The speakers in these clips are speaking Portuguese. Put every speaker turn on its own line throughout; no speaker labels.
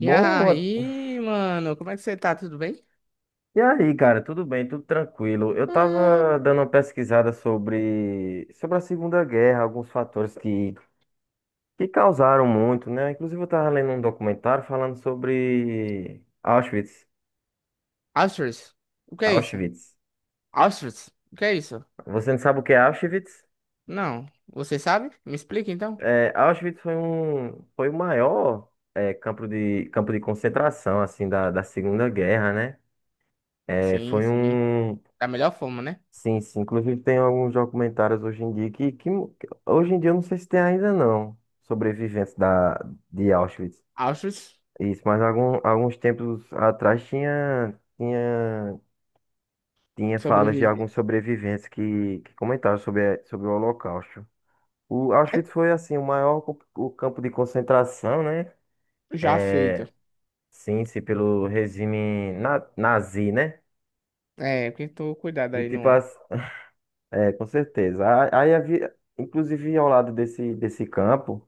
E aí, mano, como é que você tá? Tudo bem?
e aí, cara? Tudo bem? Tudo tranquilo? Eu
Ah,
tava dando uma pesquisada sobre a Segunda Guerra, alguns fatores que causaram muito, né? Inclusive, eu tava lendo um documentário falando sobre Auschwitz.
Astros. O que é isso?
Auschwitz.
Astros. O que é isso?
Você não sabe o que é Auschwitz?
Não. Você sabe? Me explica então.
É, foi o maior, campo campo de concentração, assim, da Segunda Guerra, né? É,
Sim,
foi
sim.
um
Da melhor forma, né?
Sim, sim. Inclusive tem alguns documentários hoje em dia que hoje em dia eu não sei se tem ainda não, sobreviventes de Auschwitz.
Astros
Isso, mas alguns tempos atrás tinha falas de
sobreviver.
alguns sobreviventes que comentaram sobre, sobre o Holocausto. O
É
Auschwitz foi assim o o campo de concentração, né?
já feito.
Sim, sim, pelo regime nazi, né?
É, porque tu cuidado
E
aí
tipo,
no.
as- É, com certeza. Aí havia, inclusive ao lado desse campo.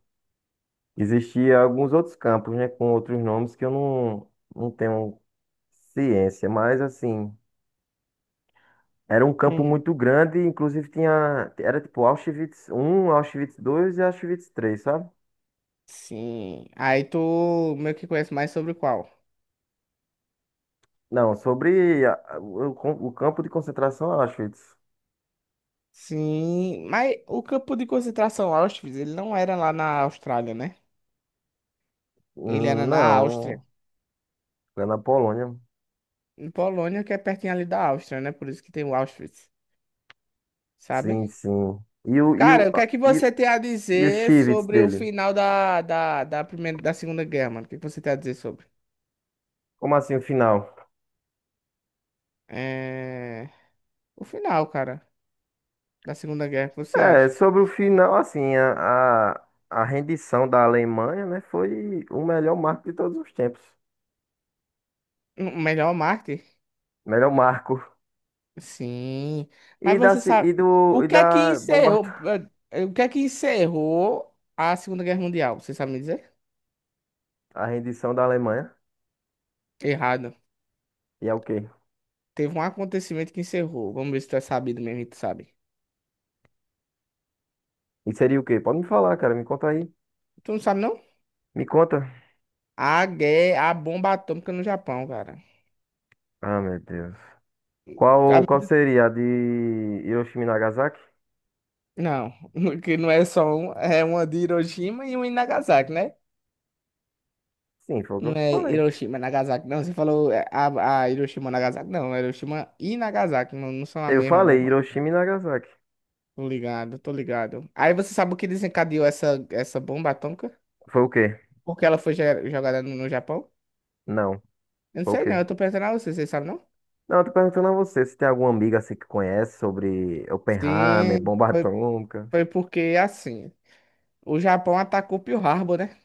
Existia alguns outros campos, né, com outros nomes que eu não, não tenho ciência, mas assim, era um campo
Hum.
muito grande, inclusive tinha, era tipo Auschwitz um, Auschwitz 2 e Auschwitz 3, sabe?
Sim. Aí tu meio que conhece mais sobre qual?
Não, sobre o campo de concentração Auschwitz.
Sim, mas o campo de concentração Auschwitz, ele não era lá na Austrália, né? Ele era na Áustria.
Não, é na Polônia.
Em Polônia, que é pertinho ali da Áustria, né? Por isso que tem o Auschwitz,
Sim,
sabe?
sim. E o, e
Cara,
o,
o que é que
e,
você
o-
tem a
e o
dizer
Auschwitz
sobre o
dele?
final da primeira, da Segunda Guerra, mano? O que é que você tem a dizer sobre?
Como assim o final?
É... O final, cara, da Segunda Guerra, o que você
É,
acha?
sobre o final, assim, a rendição da Alemanha, né, foi o melhor marco de todos os tempos.
O melhor Marte?
Melhor marco.
Sim.
E
Mas
da,
você
ci-
sabe,
e do,
o
e
que é que
da bomba,
encerrou, o que é que encerrou a Segunda Guerra Mundial? Você sabe me dizer?
a rendição da Alemanha.
Errado.
E é o quê?
Teve um acontecimento que encerrou. Vamos ver se tu é sabido mesmo, e tu sabe.
E seria o quê? Pode me falar, cara, me conta aí.
Tu não sabe, não?
Me conta.
A guerra, a bomba atômica no Japão, cara.
Ah, meu Deus. Qual
A-
seria a de Hiroshima e Nagasaki?
Não, que não é só um, é uma de Hiroshima e uma em Nagasaki, né?
Sim, foi o que
Não
eu
é
falei.
Hiroshima, Nagasaki, não. Você falou é, a Hiroshima, Nagasaki, não. É Hiroshima e Nagasaki, não, não são a
Eu
mesma
falei
bomba.
Hiroshima e Nagasaki.
Tô ligado, tô ligado. Aí você sabe o que desencadeou essa bomba atômica?
Foi o quê?
Porque ela foi ge- jogada no Japão?
Não.
Eu não
Foi o
sei não,
quê?
eu tô perguntando a você, vocês sabem não?
Não, eu tô perguntando a você se tem alguma amiga assim que conhece sobre Oppenheimer,
Sim,
bomba atômica.
foi porque assim, o Japão atacou Pearl Harbor, né?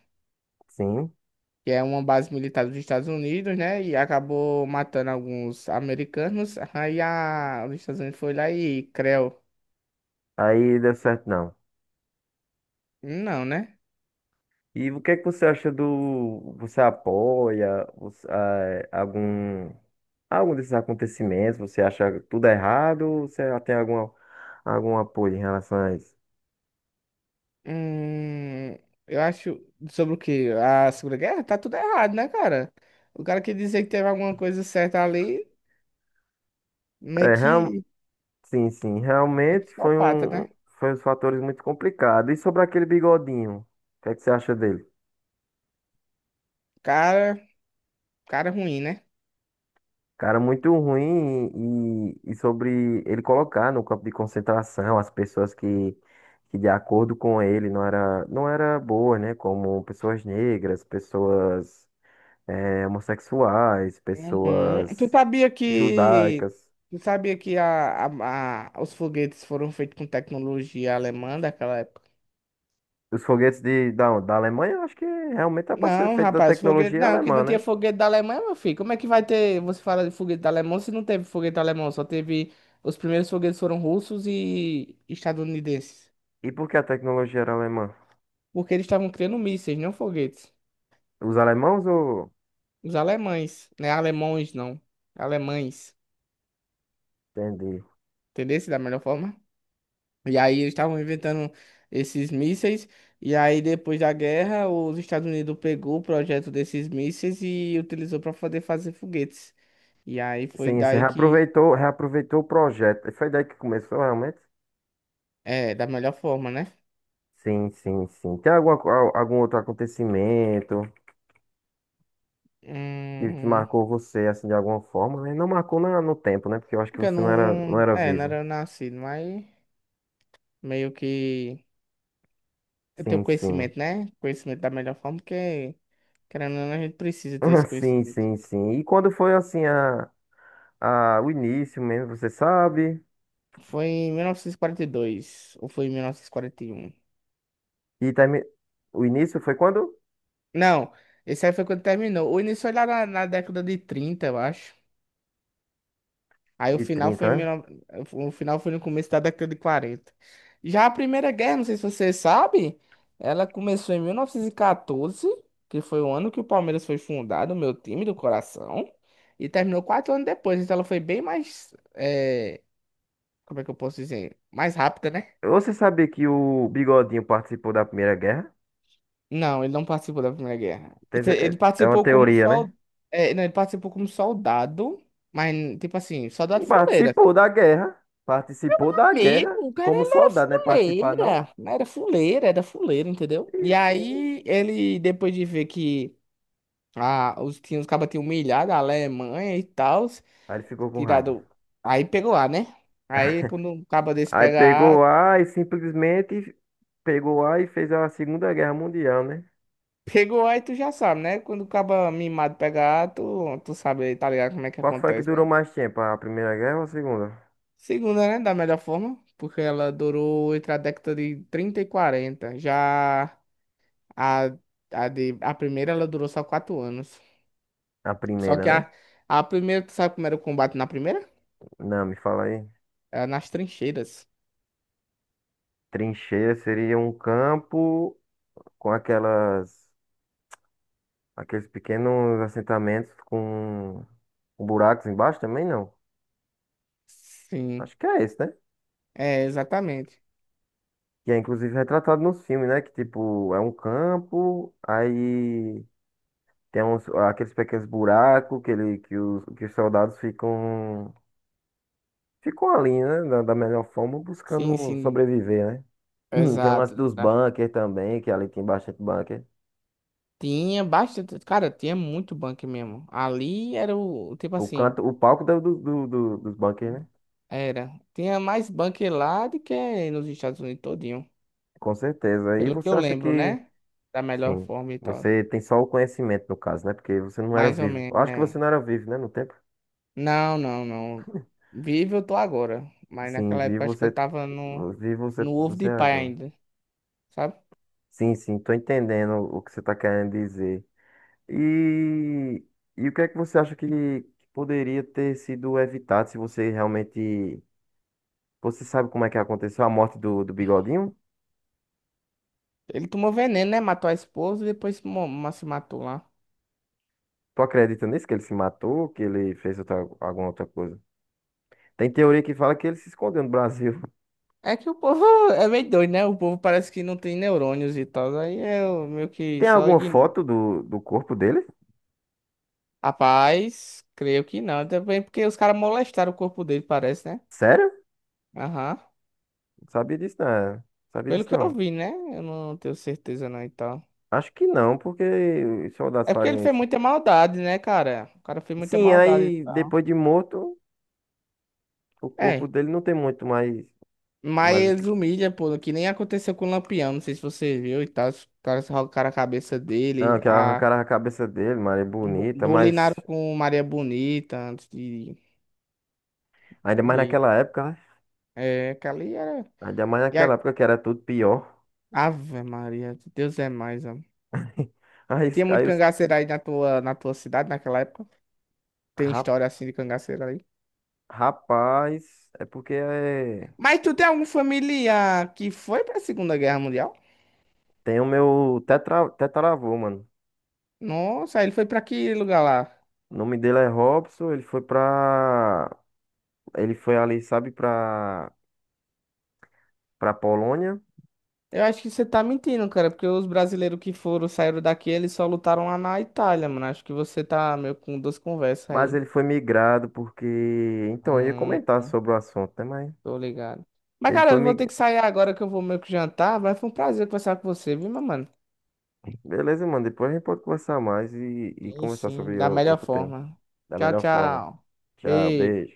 Sim.
Que é uma base militar dos Estados Unidos, né? E acabou matando alguns americanos. Aí a, os Estados Unidos foi lá e creu.
Aí deu certo, não.
Não, né?
E o que é que você acha do. Você apoia algum desses acontecimentos? Você acha tudo errado? Ou você já tem algum apoio em relação a isso?
Hum, eu acho sobre o quê? A Segunda Guerra? Tá tudo errado, né, cara? O cara que dizer que teve alguma coisa certa ali, meio
É, real,
que
sim, sim.
é psicopata, né?
Foi uns fatores muito complicados. E sobre aquele bigodinho? O que é que você acha dele?
Cara, cara ruim, né?
Cara, muito ruim e sobre ele colocar no campo de concentração as pessoas que de acordo com ele não era boa, né? Como pessoas negras, pessoas homossexuais,
Uhum. Tu
pessoas
sabia que
judaicas.
tu sabia que a- os foguetes foram feitos com tecnologia alemã daquela época?
Os foguetes da Alemanha, eu acho que realmente é para ser
Não,
feito da
rapaz, foguete.
tecnologia
Não, que
alemã,
não tinha
né?
foguete da Alemanha, meu filho. Como é que vai ter. Você fala de foguete da Alemanha se não teve foguete alemão? Só teve. Os primeiros foguetes foram russos e estadunidenses.
E por que a tecnologia era alemã?
Porque eles estavam criando mísseis, não foguetes.
Os alemãos ou...
Os alemães, né? Alemões, não. Alemães.
Entendi.
Entendeu? Da melhor forma. E aí eles estavam inventando esses mísseis. E aí, depois da guerra, os Estados Unidos pegou o projeto desses mísseis e utilizou para poder fazer foguetes. E aí foi
Sim, você
daí que.
reaproveitou o projeto. Foi daí que começou realmente?
É, da melhor forma, né?
Sim, sim, sim. Tem algum outro acontecimento que
Hum,
marcou você, assim, de alguma forma, né? Não marcou no tempo, né? Porque eu acho que
porque eu
você não
não,
era, não
não-
era
É, não
vivo.
era nascido, mas meio que. Eu tenho
Sim, sim.
conhecimento, né? Conhecimento da melhor forma, porque, querendo ou não, a gente precisa ter esse
Sim,
conhecimento.
sim, sim. E quando foi, assim, o início mesmo, você sabe?
Foi em 1942, ou foi em 1941?
E também, o início foi quando?
Não, esse aí foi quando terminou. O início foi lá na, na década de 30 eu acho. Aí o
De
final
trinta
foi em
né?
19, o final foi no começo da década de 40. Já a Primeira Guerra, não sei se você sabe, ela começou em 1914, que foi o ano que o Palmeiras foi fundado, o meu time do coração, e terminou quatro anos depois. Então ela foi bem mais, como é que eu posso dizer? Mais rápida, né?
Você sabia que o Bigodinho participou da Primeira Guerra?
Não, ele não participou da Primeira Guerra.
Tem
Ele
ce-
ele
É é uma
participou como
teoria, né?
sol, não, ele participou como soldado, mas tipo assim, soldado fuleiro.
Participou da guerra. Participou da guerra
Amigo, cara,
como
ele era
soldado, né? Participar não?
fuleira, era fuleira, era fuleira, entendeu?
Sim,
E
sim.
aí, ele, depois de ver que ah, os, tinha, os cabas tinham humilhado a Alemanha e tal,
Aí ele ficou com raiva.
tirado, aí pegou A, né? Aí, quando um caba desse
Aí
pega A,
pegou A e simplesmente pegou A e fez a Segunda Guerra Mundial, né?
pegou A e tu já sabe, né? Quando o caba mimado pega A, tu sabe, tá ligado como é que
Qual foi a que
acontece,
durou
né?
mais tempo? A Primeira Guerra ou a Segunda?
Segunda, né? Da melhor forma, porque ela durou entre a década de 30 e 40 já a... A, de, a primeira ela durou só quatro anos.
A
Só
primeira,
que
né?
a primeira, tu sabe como era o combate na primeira?
Não, me fala aí.
Era nas trincheiras.
Trincheira seria um campo com aquelas, aqueles pequenos assentamentos com buracos embaixo também, não.
Sim,
Acho que é esse, né?
é, exatamente.
Que é inclusive retratado nos filmes, né? Que tipo, é um campo, aí tem uns, aqueles pequenos buracos que os soldados ficam ali, né? Da melhor forma,
Sim,
buscando
sim,
sobreviver, né? Tem o lance
exato.
dos
Da-
bunkers também, que é ali tem bastante bunker.
Tinha bastante, cara, tinha muito bunker mesmo. Ali era o, tipo
O
assim,
canto, o palco dos bunkers, né?
era. Tinha mais bunker lá do que nos Estados Unidos todinho.
Com certeza. E
Pelo que
você
eu
acha
lembro,
que,
né? Da melhor
sim,
forma e tal.
você tem só o conhecimento, no caso, né? Porque você não era
Mais ou
vivo. Eu
menos,
acho que
né?
você não era vivo, né? No tempo.
Não, não, não. Vivo eu tô agora. Mas
Sim,
naquela época
vivo
acho que
você.
eu tava no,
Vivo você,
no ovo
você
de
é
pai
agora.
ainda, sabe?
Sim, sim, tô entendendo o que você tá querendo dizer. E, e o que é que você acha que poderia ter sido evitado se você realmente. Você sabe como é que aconteceu a morte do Bigodinho?
Ele tomou veneno, né? Matou a esposa e depois mo- ma- se matou lá.
Tu acredita nisso? Que ele se matou? Que ele fez outra, alguma outra coisa? Tem teoria que fala que ele se escondeu no Brasil.
É que o povo é meio doido, né? O povo parece que não tem neurônios e tal. Aí eu meio que
Tem
só
alguma
ignoro.
foto do corpo dele?
Rapaz, creio que não. Também porque os caras molestaram o corpo dele, parece, né?
Sério?
Aham.
Não sabia disso, não. Sabia
Pelo
disso,
que eu
não.
vi, né? Eu não tenho certeza não e tal.
Acho que não, porque os soldados
É porque ele
fariam
fez
isso.
muita maldade, né, cara? O cara fez muita
Sim,
maldade e
aí
tal.
depois de morto, o corpo
É.
dele não tem muito mais,
Mas
mais o que.
eles humilham, pô, que nem aconteceu com o Lampião, não sei se você viu e tal. Os caras arrancaram a cabeça
Não,
dele.
que arrancaram a cabeça dele, mano, é
Bo-
bonita,
Bolinaram
mas
com Maria Bonita antes
ainda mais
de...
naquela época, né?
É, que ali era...
Ainda mais
E
naquela
a...
época que era tudo pior.
Ave Maria, Deus é mais, amor.
Aí, os-
Tinha muito
aí os
cangaceiro aí na tua cidade naquela época? Tem
ra-
história assim de cangaceiro aí?
rapaz, é porque é,
Mas tu tem algum familiar que foi pra Segunda Guerra Mundial?
tem o meu tetra, tetaravô, mano.
Nossa, ele foi pra que lugar lá?
O nome dele é Robson, ele foi pra. Ele foi ali, sabe, pra Polônia,
Eu acho que você tá mentindo, cara, porque os brasileiros que foram, saíram daqui, eles só lutaram lá na Itália, mano. Acho que você tá meio com duas conversas
mas
aí.
ele foi migrado porque. Então, eu ia
Hum.
comentar sobre o assunto, né? Mas
Tô ligado. Mas,
ele
cara,
foi
eu vou ter que
migrado.
sair agora que eu vou meio que jantar. Mas foi um prazer conversar com você, viu, meu mano?
Beleza, mano, depois a gente pode conversar mais e
Sim,
conversar
sim,
sobre
da melhor
outro tema.
forma.
Da
Tchau,
melhor forma.
tchau.
Tchau,
Beijo.
beijo.